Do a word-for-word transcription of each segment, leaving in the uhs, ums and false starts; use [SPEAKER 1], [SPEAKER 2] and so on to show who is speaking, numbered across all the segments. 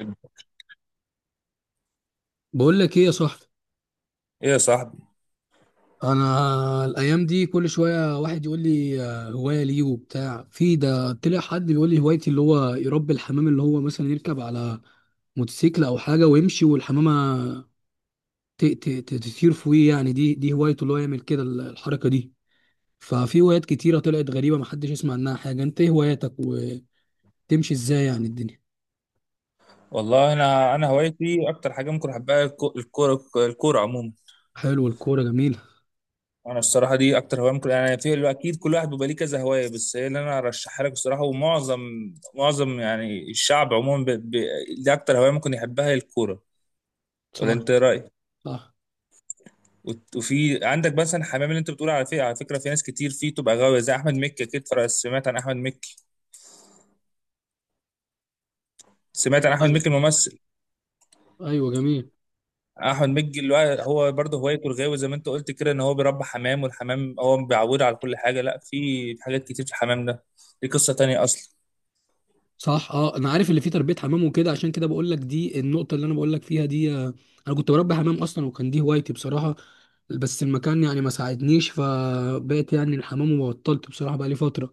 [SPEAKER 1] ايه
[SPEAKER 2] بقول لك ايه يا صاحبي.
[SPEAKER 1] يا صاحبي.
[SPEAKER 2] انا الايام دي كل شويه واحد يقول لي آه، هوايه ليه وبتاع. في ده طلع حد بيقول لي هوايتي اللي هو يربي الحمام، اللي هو مثلا يركب على موتوسيكل او حاجه ويمشي والحمامه ت- ت- ت- تطير فوقيه، يعني دي دي هوايته، اللي هو يعمل كده ال- الحركه دي. ففي هوايات كتيره طلعت غريبه محدش يسمع عنها حاجه. انت ايه هواياتك وتمشي ازاي يعني الدنيا؟
[SPEAKER 1] والله انا انا هوايتي اكتر حاجه ممكن احبها الكو- الكوره الكوره عموما.
[SPEAKER 2] حلو، الكوره جميله.
[SPEAKER 1] انا الصراحه دي اكتر هوايه ممكن يعني، في اكيد كل واحد بيبقى ليه كذا هوايه، بس هي اللي انا ارشحها لك الصراحه. ومعظم معظم يعني الشعب عموما ب... ب... دي اكتر هوايه ممكن يحبها هي الكوره. ولا
[SPEAKER 2] صح.
[SPEAKER 1] انت إيه رايك؟
[SPEAKER 2] صح.
[SPEAKER 1] وت- وفي عندك مثلا حمام اللي انت بتقول، على فكره على فكره في ناس كتير فيه تبقى غاويه زي احمد مكي. اكيد فرق- سمعت عن احمد مكي، سمعت عن احمد مكي الممثل؟
[SPEAKER 2] ايوه جميل.
[SPEAKER 1] احمد مكي اللي هو هو برضه هوايته الغاوي زي ما انت قلت كده، ان هو بيربى حمام، والحمام هو بيعوده على كل حاجه. لا، في حاجات كتير في الحمام ده، دي قصه تانية اصلا.
[SPEAKER 2] صح، اه انا عارف اللي فيه تربيه حمام وكده، عشان كده بقول لك دي النقطه اللي انا بقول لك فيها دي. آه، انا كنت بربي حمام اصلا وكان دي هوايتي بصراحه، بس المكان يعني ما ساعدنيش، فبقيت يعني الحمام وبطلت بصراحه بقى لي فتره.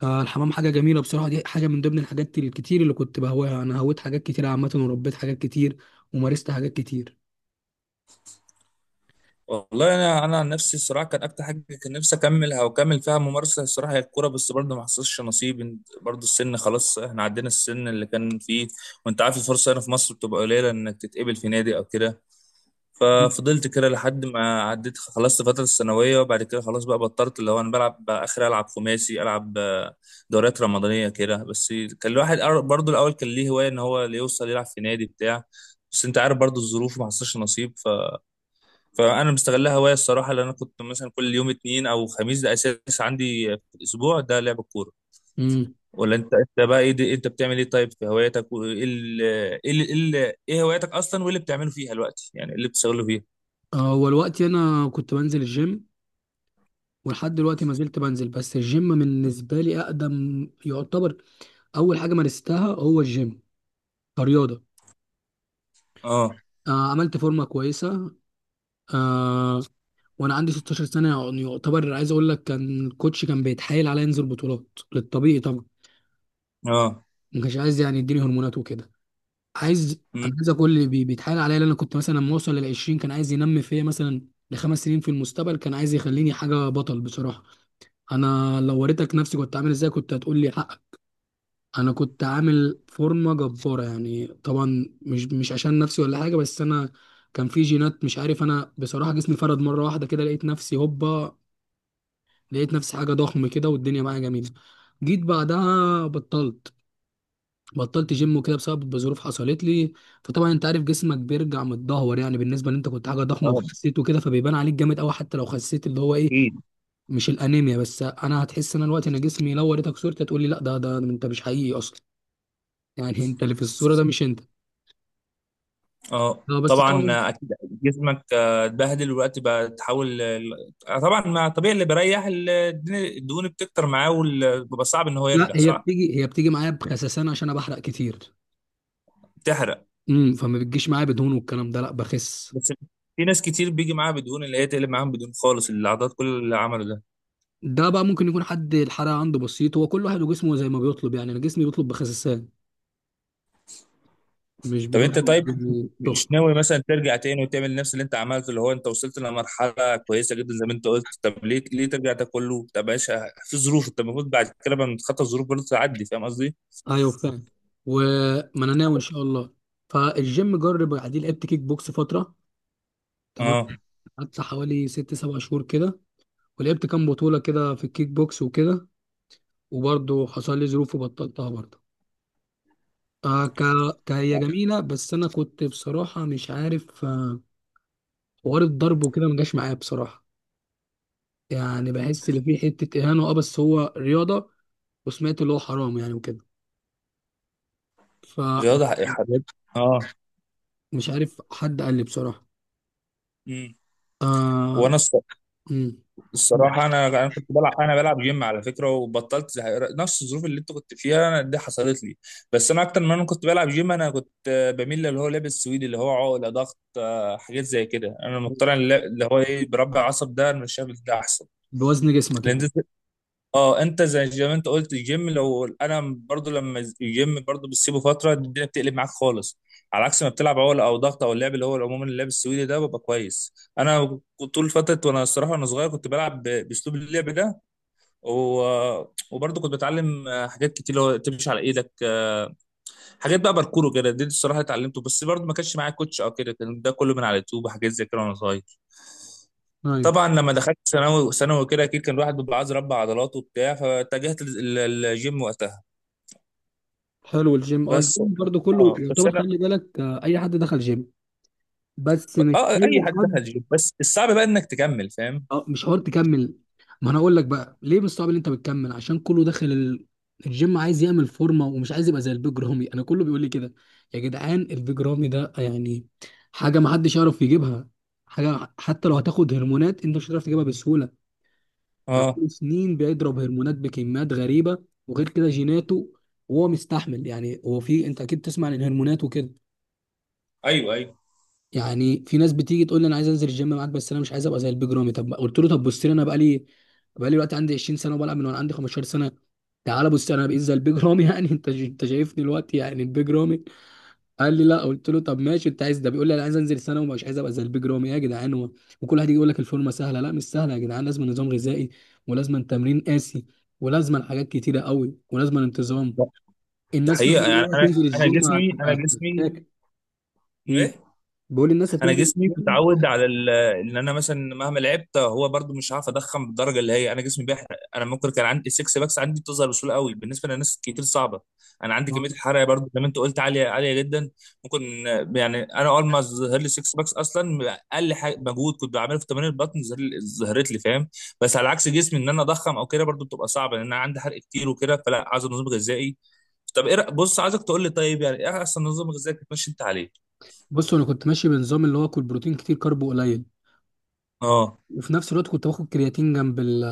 [SPEAKER 2] فالحمام حاجه جميله بصراحه، دي حاجه من ضمن الحاجات الكتير اللي كنت بهواها. انا هويت حاجات كتير عامه وربيت حاجات كتير ومارست حاجات كتير.
[SPEAKER 1] والله انا انا عن نفسي الصراحه كان اكتر حاجه كان نفسي اكملها واكمل فيها ممارسه الصراحه هي الكوره، بس برضه ما حصلش نصيب. إنت- برضه السن خلاص، احنا عدينا السن اللي كان فيه. وانت عارف الفرصه هنا في مصر بتبقى قليله انك تتقبل في نادي او كده. ففضلت كده لحد ما عديت، خلصت فترة الثانوية وبعد كده خلاص بقى بطلت، اللي هو أنا بلعب بقى آخر، ألعب خماسي، ألعب آه، دوريات رمضانية كده بس. كان الواحد أر- برضه الأول كان ليه هواية إن هو اللي يوصل يلعب في نادي بتاع، بس أنت عارف برضه الظروف ما حصلش نصيب. ف... فأنا مستغلها هواية الصراحة، لأن أنا كنت مثلا كل يوم اتنين أو خميس ده أساس عندي في الأسبوع، ده لعب الكورة.
[SPEAKER 2] امم
[SPEAKER 1] ولا أنت أنت بقى إيه؟ دي... أنت بتعمل إيه طيب في هواياتك؟ وإيه ال... إيه ال... إيه ال- إيه هواياتك أصلا، وإيه اللي بتعمله فيها دلوقتي، يعني إيه اللي بتشتغله فيها؟
[SPEAKER 2] هو الوقت انا كنت بنزل الجيم ولحد دلوقتي ما زلت بنزل، بس الجيم بالنسبه لي اقدم يعتبر اول حاجه مارستها، هو الجيم كرياضة.
[SPEAKER 1] اه.
[SPEAKER 2] آه عملت فورمة كويسة. آه وأنا عندي ستاشر سنة، يعني يعتبر عايز أقول لك كان الكوتش كان بيتحايل عليا أنزل بطولات للطبيعي طبعا.
[SPEAKER 1] اه.
[SPEAKER 2] ما كانش عايز يعني يديني هرمونات وكده. عايز، أنا
[SPEAKER 1] مم.
[SPEAKER 2] عايز أقول اللي بي- بيتحايل عليا، لأن أنا كنت مثلا لما أوصل لل عشرين كان عايز ينمي فيا مثلا لخمس سنين في المستقبل، كان عايز يخليني حاجة بطل بصراحة. أنا لو وريتك نفسي كنت عامل إزاي كنت هتقول لي. انا كنت عامل فورمه جباره، يعني طبعا مش مش عشان نفسي ولا حاجه، بس انا كان في جينات مش عارف. انا بصراحه جسمي فرد مره واحده كده، لقيت نفسي هوبا، لقيت نفسي حاجه ضخم كده والدنيا معايا جميله. جيت بعدها بطلت، بطلت جيم وكده بسبب ظروف حصلت لي. فطبعا انت عارف جسمك بيرجع متدهور يعني، بالنسبه ان انت كنت حاجه ضخمه
[SPEAKER 1] اه،
[SPEAKER 2] وخسيت وكده فبيبان عليك جامد قوي حتى لو خسيت، اللي هو ايه
[SPEAKER 1] اكيد.
[SPEAKER 2] مش الانيميا، بس انا هتحس ان أنا دلوقتي انا جسمي لو وريتك صورتي هتقول لي لا، ده ده ده انت مش حقيقي اصلا، يعني انت اللي في الصوره ده مش انت.
[SPEAKER 1] اه،
[SPEAKER 2] اه بس
[SPEAKER 1] طبعا
[SPEAKER 2] طبعاً-
[SPEAKER 1] آه، اكيد. جسمك آه، اتبهدل، والوقت بقى تحاول ال- آه، طبعا ما طبيعي اللي بيريح ال- الدهون بتكتر معاه وبيبقى صعب ان هو
[SPEAKER 2] لا،
[SPEAKER 1] يرجع
[SPEAKER 2] هي
[SPEAKER 1] صح.
[SPEAKER 2] بتيجي، هي بتيجي معايا بخسسان عشان انا بحرق كتير.
[SPEAKER 1] بتحرق؟
[SPEAKER 2] امم فما بتجيش معايا بدهون والكلام ده، لا بخس.
[SPEAKER 1] بس في ناس كتير بيجي معاها بدهون، اللي هي تقلب معاهم بدهون خالص العضلات، كل اللي عمله ده.
[SPEAKER 2] ده بقى ممكن يكون حد الحرق عنده بسيط، هو كل واحد وجسمه زي ما بيطلب، يعني انا جسمي بيطلب بخسسان مش
[SPEAKER 1] طب انت طيب
[SPEAKER 2] بتطلب تخن.
[SPEAKER 1] مش ناوي مثلا ترجع تاني وتعمل نفس اللي انت عملته، اللي هو انت وصلت لمرحله كويسه جدا زي ما انت قلت؟ طب ليه ليه ترجع ده كله؟ طب ماشي، في ظروف، انت المفروض بعد كده لما تتخطى الظروف برضه تعدي. فاهم قصدي؟
[SPEAKER 2] ايوه فاهم. وما انا ناوي ان شاء الله. فالجيم جرب عادي، لعبت كيك بوكس فتره. تمام.
[SPEAKER 1] اه.
[SPEAKER 2] قعدت حوالي ست سبع شهور كده، ولعبت كام بطوله كده في الكيك بوكس وكده، وبرضه حصل لي ظروف وبطلتها برضه. آه ك... كهي جميلة، بس أنا كنت بصراحة مش عارف، آه، حوار الضرب وكده ما جاش معايا بصراحة، يعني بحس إن في حتة إهانة. أه بس هو رياضة، وسمعت اللي هو حرام يعني وكده، فمش
[SPEAKER 1] رياضة، حاجات. اه.
[SPEAKER 2] عارف. حد قال لي بصراحة.
[SPEAKER 1] مم.
[SPEAKER 2] آه...
[SPEAKER 1] وانا الص-
[SPEAKER 2] مم.
[SPEAKER 1] الصراحة انا انا كنت بلعب، انا بلعب جيم على فكرة، وبطلت زي- نفس الظروف اللي انت كنت فيها انا دي حصلت لي. بس انا اكتر ما انا كنت بلعب جيم، انا كنت آه، بميل للي هو لابس سويدي، اللي هو عقلة ضغط آه، حاجات زي كده. انا مضطر، اللي اللي هو ايه، بربع عصب ده انا مش شايف ده احسن؟
[SPEAKER 2] بوزن جسمك
[SPEAKER 1] لان
[SPEAKER 2] يعني؟
[SPEAKER 1] اه انت زي زي ما انت قلت الجيم، لو انا برضو لما الجيم برضو بتسيبه فتره الدنيا بتقلب معاك خالص، على عكس ما بتلعب عقله او ضغط، او اللعب اللي هو عموما اللعب السويدي ده ببقى كويس. انا كنت طول فتره وانا الصراحه وانا صغير كنت بلعب ب- باسلوب اللعب ده. و... وبرضو كنت بتعلم حاجات كتير، اللي هو تمشي على ايدك، حاجات بقى باركور وكده، دي الصراحه اتعلمته، بس برضو ما كانش معايا كوتش او كده، كان ده كله من على اليوتيوب وحاجات زي كده وانا صغير.
[SPEAKER 2] أيوه.
[SPEAKER 1] طبعا لما دخلت ثانوي، ثانوي كده اكيد كان الواحد بيبقى عايز يربى عضلاته وبتاع، فاتجهت لل- للجيم وقتها.
[SPEAKER 2] حلو، الجيم أه
[SPEAKER 1] بس.
[SPEAKER 2] الجيم برضه كله
[SPEAKER 1] اه بس
[SPEAKER 2] يعتبر،
[SPEAKER 1] انا،
[SPEAKER 2] خلي بالك، آه، أي حد دخل جيم، بس
[SPEAKER 1] ب-
[SPEAKER 2] مش
[SPEAKER 1] اه اي
[SPEAKER 2] أي
[SPEAKER 1] حد دخل
[SPEAKER 2] حد.
[SPEAKER 1] جيم، بس الصعب بقى انك تكمل، فاهم؟
[SPEAKER 2] اه مش حوار تكمل. ما انا اقول لك بقى ليه من صعب ان انت بتكمل: عشان كله داخل ال... الجيم عايز يعمل فورمه ومش عايز يبقى زي البيج رامي، انا كله بيقول لي كده. يا جدعان البيج رامي ده يعني حاجه ما حدش يعرف يجيبها، حاجه حتى لو هتاخد هرمونات انت مش هتعرف تجيبها بسهوله. ده
[SPEAKER 1] اه.
[SPEAKER 2] بقاله سنين بيضرب هرمونات بكميات غريبه، وغير كده جيناته وهو مستحمل يعني. هو في، انت اكيد تسمع عن الهرمونات وكده.
[SPEAKER 1] ايوه، ايوه.
[SPEAKER 2] يعني في ناس بتيجي تقول لي انا عايز انزل الجيم معاك بس انا مش عايز ابقى زي البيج رامي. طب قلت له طب بص لي انا بقالي بقالي دلوقتي عندي عشرين سنه وبلعب من وانا عندي خمستاشر سنه، تعالى بص انا بقيت زي البيج رامي يعني؟ انت انت شايفني دلوقتي يعني البيج رامي؟ قال لي لا. قلت له طب ماشي انت عايز، ده بيقول لي انا عايز انزل سنه ومش عايز ابقى زي البيج رامي. إيه يا جدعان و- وكل واحد يجي يقول لك الفورمه سهله. لا مش سهله يا جدعان، لازم نظام غذائي ولازم تمرين قاسي، ولازم حاجات كتيره قوي ولازم انتظام.
[SPEAKER 1] ده
[SPEAKER 2] الناس فاكره
[SPEAKER 1] حقيقة
[SPEAKER 2] ان
[SPEAKER 1] يعني،
[SPEAKER 2] هي
[SPEAKER 1] انا
[SPEAKER 2] تنزل
[SPEAKER 1] انا
[SPEAKER 2] الجيم
[SPEAKER 1] جسمي انا
[SPEAKER 2] هتبقى،
[SPEAKER 1] جسمي
[SPEAKER 2] بيقول الناس
[SPEAKER 1] انا
[SPEAKER 2] هتنزل
[SPEAKER 1] جسمي
[SPEAKER 2] الجيم.
[SPEAKER 1] متعود على ال- ان انا مثلا مهما لعبت هو برضو مش هعرف اضخم بالدرجه، اللي هي انا جسمي بيحرق. انا ممكن كان عندي سكس باكس عندي بتظهر بسهوله قوي، بالنسبه لناس كتير صعبه. انا عندي كميه الحرق برضو زي ما انت قلت عاليه عاليه جدا. ممكن يعني انا اول ما ظهر لي سكس باكس اصلا، اقل حاجه مجهود كنت بعمله في تمارين البطن ظهر لي- ظهرت لي، فاهم؟ بس على عكس جسمي ان انا اضخم او كده برضو بتبقى صعبه، لان انا عندي حرق كتير وكده، فلا عايز نظام غذائي. طب ايه رأ- بص عايزك تقول لي، طيب يعني ايه احسن نظام غذائي بتمشي انت عليه؟
[SPEAKER 2] بص انا كنت ماشي بنظام اللي هو كل بروتين كتير كارب قليل،
[SPEAKER 1] اه.
[SPEAKER 2] وفي نفس الوقت كنت باخد كرياتين جنب ال-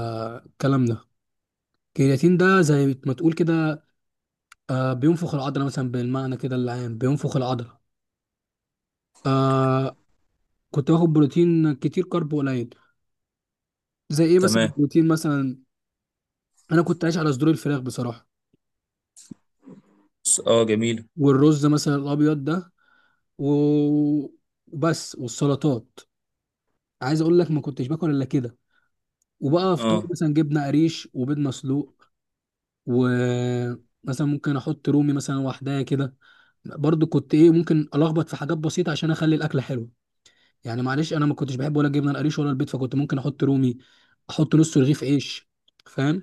[SPEAKER 2] الكلام ده. الكرياتين ده زي ما تقول كده، آه، بينفخ العضله مثلا بالمعنى كده العام، بينفخ العضله. آه كنت باخد بروتين كتير كارب قليل. زي ايه مثلا
[SPEAKER 1] تمام.
[SPEAKER 2] البروتين مثلا؟ انا كنت عايش على صدور الفراخ بصراحه،
[SPEAKER 1] س- اه، جميل.
[SPEAKER 2] والرز مثلا الابيض ده و- وبس، والسلطات. عايز اقول لك ما كنتش باكل الا كده. وبقى فطار
[SPEAKER 1] اه.
[SPEAKER 2] مثلا جبنه قريش وبيض مسلوق، ومثلا ممكن احط رومي مثلا لوحدها كده، برضو كنت ايه ممكن الخبط في حاجات بسيطه عشان اخلي الاكله حلوه. يعني معلش انا ما كنتش بحب ولا الجبنه القريش ولا البيض، فكنت ممكن احط رومي، احط نص رغيف عيش، فاهم؟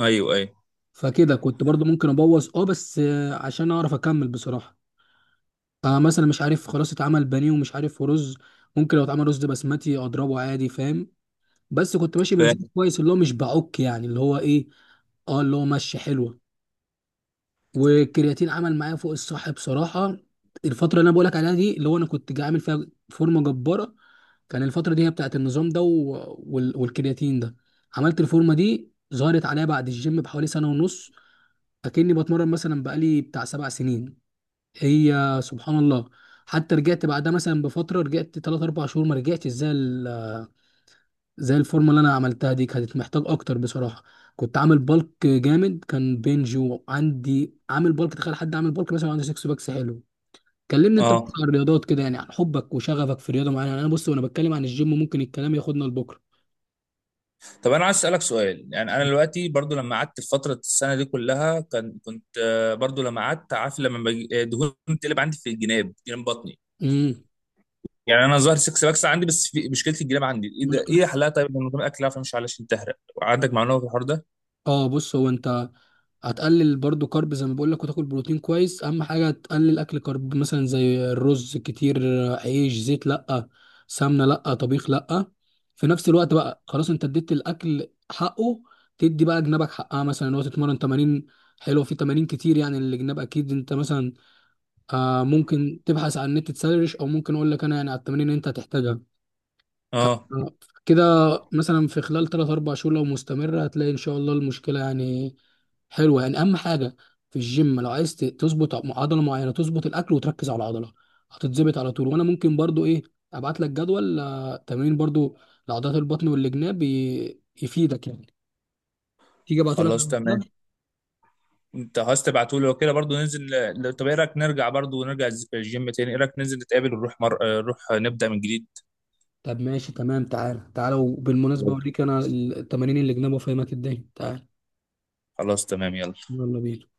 [SPEAKER 1] ايوه، ايوه،
[SPEAKER 2] فكده كنت برضو ممكن ابوظ اه، بس آه، عشان اعرف اكمل بصراحه. فمثلا مش عارف خلاص اتعمل بانيه ومش عارف رز، ممكن لو اتعمل رز بسمتي اضربه عادي، فاهم؟ بس كنت ماشي بنظام
[SPEAKER 1] فاهم.
[SPEAKER 2] كويس، اللي هو مش بعك يعني، اللي هو ايه، اه اللي هو ماشي حلوه. والكرياتين عمل معايا فوق الصح بصراحه، الفتره اللي انا بقولك عليها دي اللي هو انا كنت عامل فيها فورمه جباره، كان الفتره دي هي بتاعت النظام ده و... وال... والكرياتين ده. عملت الفورمه دي، ظهرت عليا بعد الجيم بحوالي سنه ونص، اكني بتمرن مثلا بقالي بتاع سبع سنين. هي، سبحان الله. حتى رجعت بعدها مثلا بفتره، رجعت تلاتة اربعة شهور، ما رجعتش زي زي الفورمه اللي انا عملتها دي، كانت محتاج اكتر بصراحه. كنت عامل بالك جامد كان بنج، وعندي عامل بالك تخيل حد عامل بالك مثلا عنده سكس باكس حلو. كلمني انت
[SPEAKER 1] اه.
[SPEAKER 2] بتاع الرياضات كده، يعني عن حبك وشغفك في رياضه معينه، يعني انا بص وانا بتكلم عن الجيم ممكن الكلام ياخدنا لبكره.
[SPEAKER 1] طب انا عايز اسالك سؤال، يعني انا دلوقتي برضو لما قعدت في فتره السنه دي كلها كان كنت آه، برضو لما قعدت عارف لما بج- آه، دهون تقلب عندي في الجناب، جناب بطني.
[SPEAKER 2] امم
[SPEAKER 1] يعني انا ظاهر سكس باكس عندي، بس في مشكله الجناب عندي، ايه ده؟ ايه حلها طيب من غير اكل، عارفه، مش علشان تهرق؟ عندك معلومه في الحوار ده؟
[SPEAKER 2] اه بص، هو انت هتقلل برضو كارب زي ما بقول لك، وتاكل بروتين كويس. اهم حاجه تقلل اكل كارب مثلا زي الرز كتير، عيش، زيت لا، سمنه لا، طبيخ لا. في نفس الوقت بقى خلاص انت اديت الاكل حقه، تدي بقى جنابك حقها مثلا ان هو تتمرن تمارين حلوه. في تمارين كتير يعني الجناب اكيد، انت مثلا آه ممكن تبحث عن النت تسرش، او ممكن اقول لك انا يعني على التمارين اللي انت هتحتاجها
[SPEAKER 1] اه.
[SPEAKER 2] آه، كده. مثلا في خلال ثلاثة أربعة شهور لو مستمرة هتلاقي ان شاء الله المشكلة يعني حلوة. يعني اهم حاجة في الجيم لو عايز ت- تظبط عضلة معينة، تظبط الاكل وتركز على العضلة هتتظبط على طول. وانا ممكن برضو ايه ابعت لك جدول آه، تمرين برضو لعضلات البطن والجناب، ي- يفيدك يعني. تيجي ابعته لك على
[SPEAKER 1] خلاص، تمام.
[SPEAKER 2] الواتساب.
[SPEAKER 1] انت عايز تبعته لي وكده، برضو ننزل ل- ل- طب ايه رايك نرجع برضو، ونرجع الج- الجيم تاني؟ ايه رايك ننزل نتقابل ونروح مر... آه، نروح نبدا من جديد؟
[SPEAKER 2] طب ماشي تمام، تعالى تعالى. وبالمناسبة اوريك انا التمارين الجناب وافهمك الدنيا، تعالى.
[SPEAKER 1] خلاص، تمام، يلا.
[SPEAKER 2] يلا بينا.